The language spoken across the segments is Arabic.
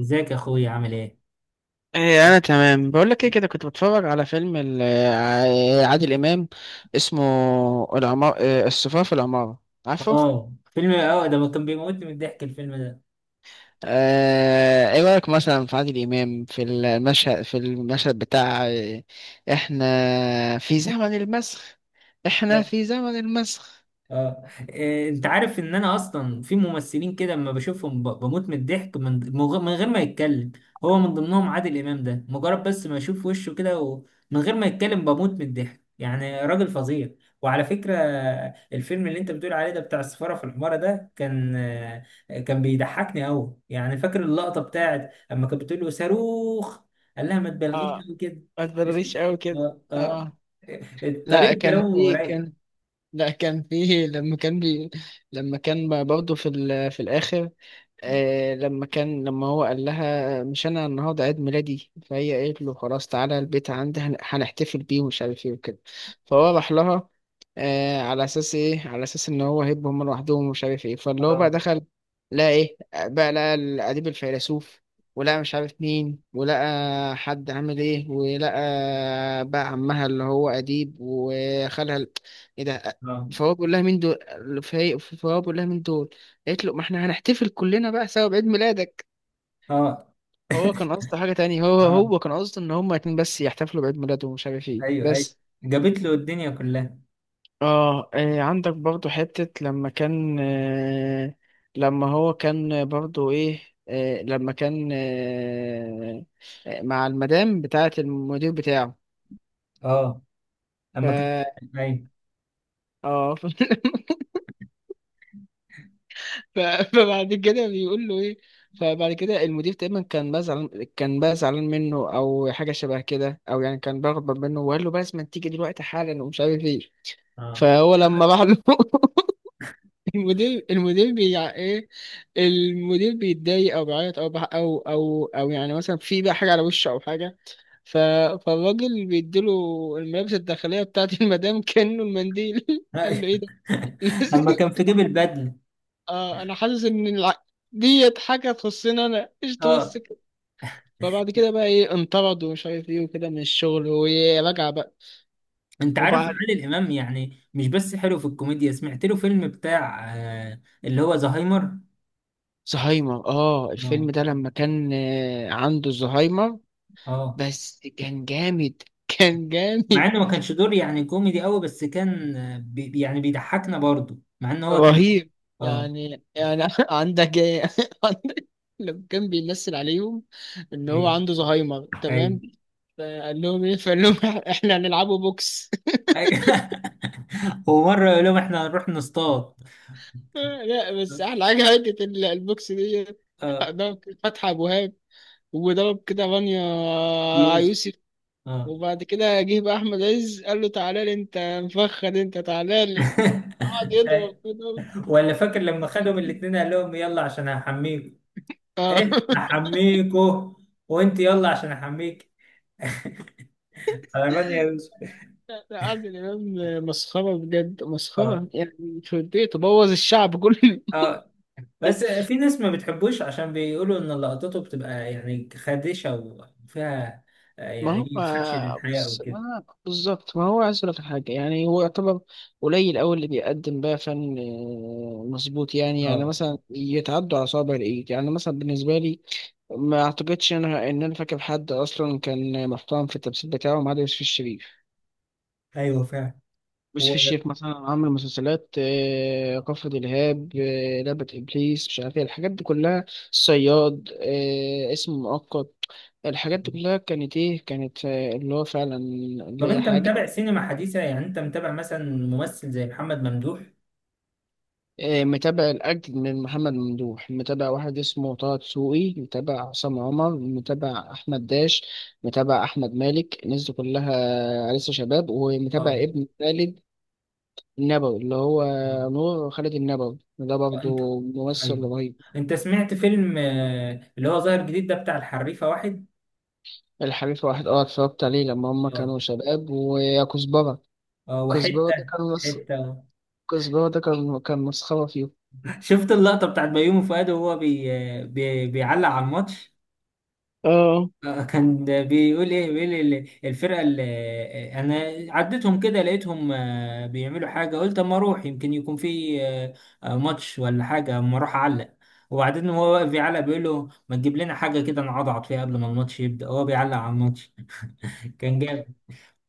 ازيك يا اخويا عامل ايه؟ إيه انا تمام بقول لك ايه كده كنت بتفرج على فيلم عادل امام اسمه العمار إيه، الصفار في العمارة عارفه. اه فيلم. اه ده كان بيموتني من الضحك الفيلم ده. ايه رايك مثلا في عادل امام في المشهد بتاع إيه، احنا في زمن المسخ. احنا في زمن المسخ اه، انت عارف ان انا اصلا في ممثلين كده اما بشوفهم بموت من الضحك من من غير ما يتكلم. هو من ضمنهم عادل امام ده، مجرد بس ما اشوف وشه كده ومن غير ما يتكلم بموت من الضحك. يعني راجل فظيع. وعلى فكرة الفيلم اللي انت بتقول عليه ده بتاع السفارة في الحمارة ده كان بيضحكني قوي. يعني فاكر اللقطة بتاعت اما كانت بتقول له صاروخ، قال لها ما تبالغيش اه، قوي كده. ما تبرريش قوي كده. اه، اه. اه، لا طريقة كان كلامه في رايق. كان لا كان فيه لما كان بي لما كان برضه في في الآخر. آه، لما هو قال لها مش أنا النهاردة عيد ميلادي، فهي قالت له خلاص تعالى البيت عندي هنحتفل بيه ومش عارف إيه وكده. فهو راح لها آه على أساس إن هو هيبقى هما لوحدهم ومش عارف إيه، فاللي هو اه، بقى دخل لقى إيه، بقى لقى الأديب الفيلسوف، ولقى مش عارف مين، ولقى حد عامل إيه، ولقى بقى عمها اللي هو أديب وخالها ايه ده. اه، فهو بيقول لها مين دول، فهو بيقول لها مين دول. قالت له ما احنا هنحتفل كلنا بقى سوا بعيد ميلادك. اه، هو كان قصده حاجة تانية، هو اه. هو كان قصده ان هما اتنين بس يحتفلوا بعيد ميلاده ومش عارف ايه ايوه، ايوه، بس. جابت له الدنيا كلها. اه، عندك برضو حتة لما كان آه لما هو كان برضو ايه آه لما كان آه آه، مع المدام بتاعة المدير بتاعه. اه، ف اما كان، ايوه، اه ف- فبعد كده بيقول له ايه. فبعد كده المدير تقريبا كان بقى زعلان، كان بقى زعلان منه او حاجه شبه كده، او يعني كان بغضب منه، وقال له بس لازم تيجي دلوقتي حالا ومش عارف ايه. اه، فهو لما راح له المدير بيع ايه المدير بيتضايق او بيعيط او بح- او او او يعني مثلا في بقى حاجه على وشه او حاجه. ف... فالراجل بيديله الملابس الداخليه بتاعت المدام كانه المنديل. قال له ايوه. ايه ده، اما كان في جيب البدله. آه انا حاسس ان ديت حاجه تخصني انا ايش تخص اه، كده. فبعد كده بقى ايه، انطرد ومش عارف ايه وكده من الشغل، ورجع بقى. انت عارف وبعد عادل امام يعني مش بس حلو في الكوميديا، سمعت له فيلم بتاع اللي هو زهايمر. زهايمر، اه اه، الفيلم ده لما كان آه، عنده زهايمر، اه، بس كان جامد، كان مع جامد. انه ما كانش دور يعني كوميدي قوي، بس كان، آه، بي يعني بيضحكنا برضه مع ان هو كان. رهيب اه، يعني. يعني عندك ايه، عندك لما كان بيمثل عليهم ان هو ايوه، عنده زهايمر ايوه، تمام. فقال لهم ايه، فقال لهم احنا هنلعبوا بوكس. ايوه. ومره يقول لهم احنا هنروح نصطاد. لا بس احلى حاجه حته البوكس دي. اه، ضرب فتحي ابو وهاب، وضرب كده رانيا يوسف. يوسف، اه. وبعد كده جه بقى احمد عز قال له تعالى لي انت مفخد انت تعالى لي، قعد يضرب كده. ولا فاكر لما خدهم الاتنين قال لهم يلا عشان هحميكوا؟ اه، ايه هحميكوا؟ وانت يلا عشان احميك. غلبان يا يوسف. لا، لا، عادل امام مسخره بجد، اه، مسخره يعني، مش وديه تبوظ الشعب كله. اه. بس في ناس ما بتحبوش عشان بيقولوا ان لقطته بتبقى يعني خادشة وفيها ما يعني هو خدش للحياة بص وكده. ما بالظبط ما هو، عايز أقولك حاجة يعني هو يعتبر قليل أوي اللي بيقدم بقى فن مظبوط، يعني اه، يعني مثلا يتعدوا على صوابع الإيد يعني مثلا بالنسبة لي. ما أعتقدش إن أنا إن أنا فاكر حد أصلا كان محترم في التمثيل بتاعه ما عدا يوسف الشريف. ايوه فعلا. و... يوسف الشيخ مثلا عامل مسلسلات كفر دلهاب، لعبة إبليس، مش عارف إيه الحاجات دي كلها. الصياد، اسم مؤقت، الحاجات دي كلها كانت إيه، كانت اللي هو فعلا اللي طب هي انت حاجة. متابع سينما حديثة؟ يعني انت متابع مثلا ممثل زي محمد ممدوح؟ متابع الأجد من محمد ممدوح، متابع واحد اسمه طه دسوقي، متابع عصام عمر، متابع أحمد داش، متابع أحمد مالك، الناس دي كلها لسه شباب، ومتابع اه. ابن خالد النبوي اللي هو نور خالد النبوي. ده انت برضه ممثل ايوه. رهيب. انت سمعت فيلم اللي هو ظاهر جديد ده بتاع الحريفه واحد؟ الحريف واحد، اه اتفرجت عليه لما هما اه، كانوا شباب، ويا كزبرة. كزبرة ده وحته كان مس... حته آه. كزبرة ده كان مسخرة فيه. شفت اللقطه بتاعت بيومي فؤاد وهو بيعلق على الماتش؟ اه. كان بيقول ايه، بيقول الفرقه اللي انا عديتهم كده لقيتهم بيعملوا حاجه، قلت اما اروح يمكن يكون في ماتش ولا حاجه، اما اروح اعلق. وبعدين هو واقف بيعلق، بيقول له ما تجيب لنا حاجه كده نعضعض فيها قبل ما الماتش يبدا، هو بيعلق على الماتش. كان آه. جامد.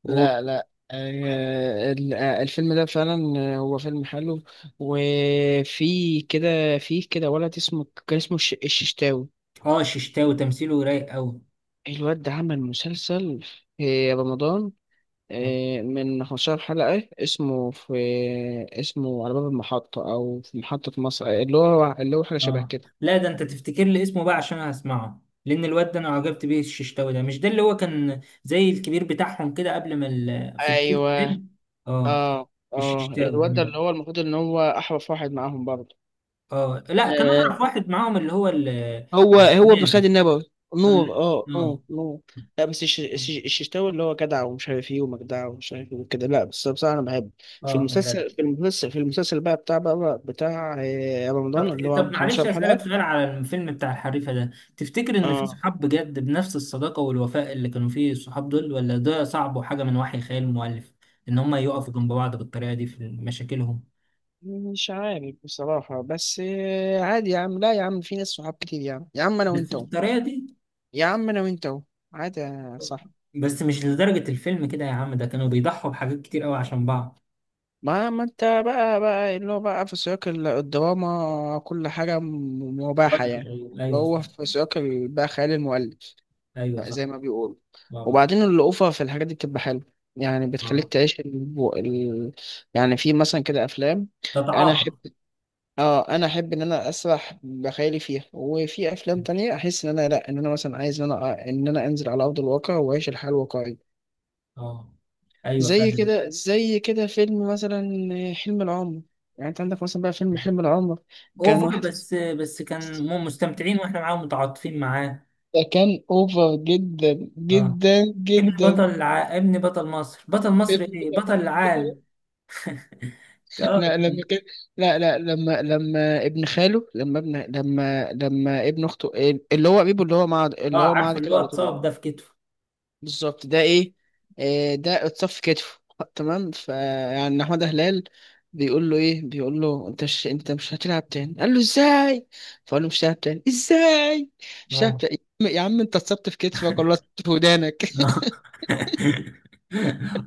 لا لا، الفيلم ده فعلا هو فيلم حلو. وفي كده، في كده ولد اسمه كان اسمه الششتاوي. اه، الششتاوي تمثيله رايق قوي. الواد ده عمل مسلسل في رمضان اه. من 15 حلقة، اسمه على باب المحطة أو في محطة مصر، اللي هو اللي هو حاجة شبه آه. كده. لا ده انت تفتكر لي اسمه بقى عشان هسمعه، لان الواد ده انا عجبت بيه. الششتاوي ده، مش ده اللي هو كان زي الكبير بتاعهم كده قبل ما في بداية ايوه، الفيلم؟ اه، اه اه. الششتاوي، الواد ده اللي ماشي. هو المفروض ان هو احرف واحد معاهم برضه. اه، لا كان آه، اعرف واحد معاهم اللي هو ال... آه، هو بن خالد نادر. النبوي. اه. نور، اه آه. نور نور. لا بس الششتاوي اللي هو جدع ومش عارف ايه ومجدع ومش عارف ايه وكده. لا بس بصراحه انا بحب في كان المسلسل، جدع. بقى بتاع رمضان اللي طب هو طب عنده معلش 15 اسالك حلقه. سؤال على الفيلم بتاع الحريفه ده؟ تفتكر ان في اه، صحاب بجد بنفس الصداقه والوفاء اللي كانوا فيه الصحاب دول، ولا ده صعب وحاجه من وحي خيال المؤلف، ان هم يقفوا جنب بعض بالطريقه دي في مشاكلهم؟ مش عارف بصراحه بس عادي يا عم، لا يا عم في ناس صحاب كتير يا عم، يا عم انا بس وانت أهو. بالطريقه دي؟ يا عم انا وانت أهو. عادي يا صاحبي. بس مش لدرجه الفيلم كده يا عم، ده كانوا بيضحوا بحاجات كتير قوي عشان بعض. ما انت بقى، اللي هو بقى في سياق الدراما كل حاجة مباحة يعني. ايوه، ايوه، وهو صح. في سياق بقى خيال المؤلف ايوه، زي صح. ما بيقولوا. اه، بالظبط. وبعدين الأوفر في الحاجات دي بتبقى حلوة، يعني بتخليك اه، تعيش يعني في مثلا كده أفلام أنا تتعاطى. أحب. اه، أنا أحب إن أنا أسرح بخيالي فيها، وفي أفلام تانية أحس إن أنا لأ، إن أنا مثلا عايز إن أنا إن أنا أنزل على أرض الواقع وأعيش الحياة الواقعية. اه، ايوه زي فعلا. كده، زي كده فيلم مثلا حلم العمر. يعني انت عندك مثلا بقى فيلم حلم العمر. كان اوفر، واحد، بس كان مستمتعين واحنا معاهم متعاطفين معاه. ده كان اوفر جدا اه. جدا جدا. ابن بطل مصر، بطل مصر فيلم ايه بطل كده- العالم. اه، لا لما كان، لا لا لما لما ابن خاله، لما ابن لما لما ابن اخته اللي هو قريبه، اللي هو معاه، عارفه اللي كده هو على طول. اتصاب ده في كتفه. بالظبط ده ايه، ده اتصف كتفه تمام. فيعني محمد هلال بيقول له ايه، بيقول له انت مش انت مش هتلعب تاني، قال له ازاي. فقال له مش هلعب تاني ازاي، مش هلعب اه. تاني يا عم، يا عم انت اتصبت في كتفك ولا اتصبت في ودانك.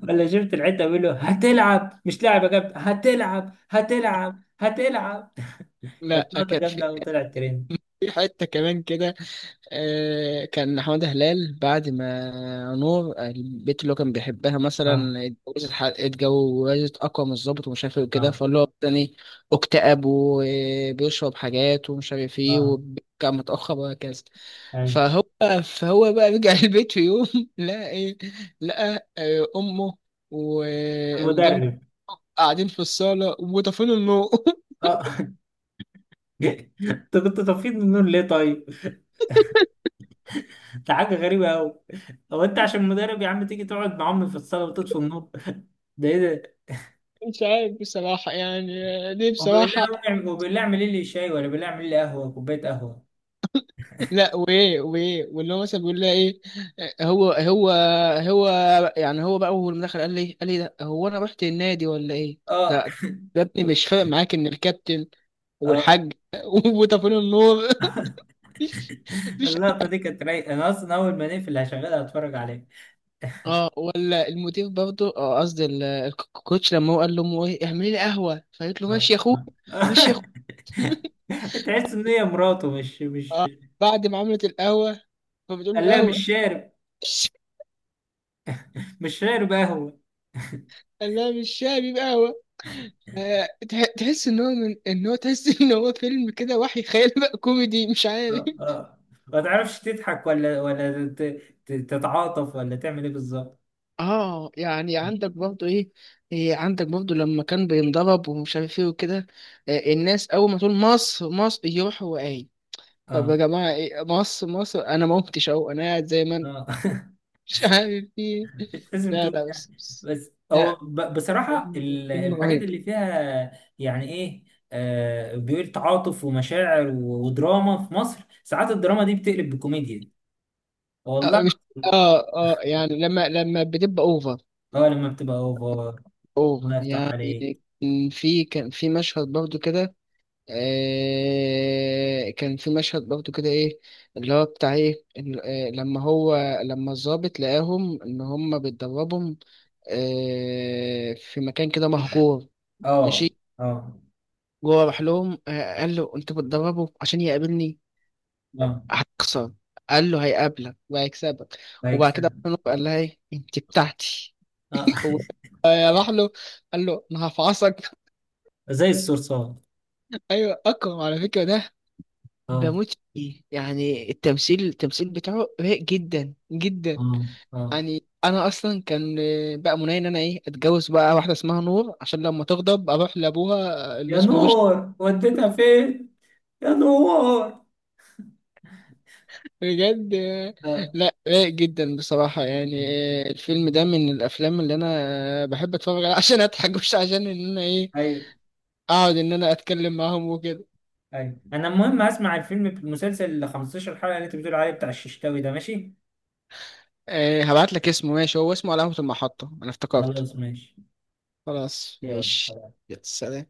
ولا شفت الحته بيقول له هتلعب مش لاعب يا كابتن، هتلعب، هتلعب، هتلعب. كانت لا نقطه كان في، جامده قوي طلعت ترند. في حته كمان كده، كان حمادة هلال بعد ما نور البنت اللي هو كان بيحبها اه، مثلا اتجوزت، اتجوزت أقوى من الظابط ومش عارف ايه وكده، اه، فاللي هو تاني اكتئب وبيشرب حاجات ومش عارف ايه، اه، وكان متأخر وهكذا. ايوه، فهو، فهو بقى رجع البيت في يوم لقى ايه، لقى أمه والمدام المدرب. قاعدين في الصالة وطافين النور. اه. انت كنت طفيت من النور ليه طيب؟ ده حاجه غريبه قوي. هو انت عشان مدرب يا عم تيجي تقعد مع امي في الصاله وتطفي النور؟ ده ايه؟ مش عارف بصراحة يعني، دي بصراحة. وبالله اعمل لي شاي، ولا بالله اعمل لي قهوه، كوبايه قهوه. لا وايه، واللي هو مثلا بيقول لها ايه. هو هو هو يعني هو بقى اول ما دخل قال لي ده هو انا رحت النادي ولا ايه. اه، ده ده ابني مش فارق معاك ان الكابتن اه. والحاج وطفل النور. مش مش اللقطه دي كانت رايقه، انا اصلا اول ما نقفل هشغلها اتفرج عليها. اه ولا المدير برضه، اه قصدي الكوتش لما هو قال لامه ايه اعملي لي قهوه، فقالت له آه. ماشي يا اخويا، ماشي يا آه. اخويا. تحس ان هي مراته مش اه، بعد ما عملت القهوه فبتقول قال له لها القهوه، مش شارب. مش شارب قهوه. قال لها مش شاي، بيبقى قهوه. تحس ان هو، من ان هو تحس ان هو فيلم كده وحي خيال بقى كوميدي مش عارف. اه، اه. ما تعرفش تضحك ولا تتعاطف، ولا تعمل ايه بالظبط. اه يعني عندك برضو ايه، إيه عندك برضو لما كان بينضرب ومش عارف ايه وكده. الناس اول ما تقول مصر مصر يروح هو قايل طب يا اه، جماعه ايه مصر مصر، انا ما قمتش اهو، انا قاعد زي ما انا، اه. مش عارف ايه. مش لازم لا تقول لا بس, يعني، بس بس هو لا بصراحة يعني فيلم الحاجات رهيب. اللي فيها. يعني ايه بيقول تعاطف ومشاعر، ودراما في مصر ساعات الدراما دي بتقلب بكوميديا. اه والله. مش، اه اه يعني لما بتبقى اوفر. اه، لما بتبقى اوفر. اوفر الله يفتح عليك. يعني. كان في، كان في مشهد برضو كده، آه كان في مشهد برضو كده ايه، اللي هو بتاع ايه لما الضابط لقاهم ان هم بيتدربهم آه في مكان كده مهجور. اه، ماشي، اه، جوه راح لهم آه قال له انت بتدربه عشان يقابلني، اه، هتخسر، قال له هيقابلك وهيكسبك. لايك وبعد كده سنة. قال لها ايه، انت بتاعتي، اه. وراح له قال له انا هفعصك. زي الصرصار. ايوه اكرم على فكره ده اه، بموت فيه يعني، التمثيل بتاعه رايق جدا جدا. اه، اه، يعني انا اصلا كان بقى مناي ان انا ايه، اتجوز بقى واحده اسمها نور عشان لما تغضب اروح لابوها اللي يا اسمه رشدي. نور وديتها فين، يا نور. اه. بجد، آه. لا رايق جدا بصراحه يعني. الفيلم ده من الافلام اللي انا بحب اتفرج عليها عشان اضحك مش عشان ان انا ايه ايوه، اقعد ان انا اتكلم معاهم وكده. ايوه، انا المهم هسمع الفيلم، المسلسل ال 15 حلقه اللي انت بتقول عليه بتاع الششتاوي ده، ماشي. هبعت لك اسمه، ماشي، هو اسمه علامه المحطه انا افتكرت. خلاص ماشي. خلاص ماشي. يلا. يلا، سلام.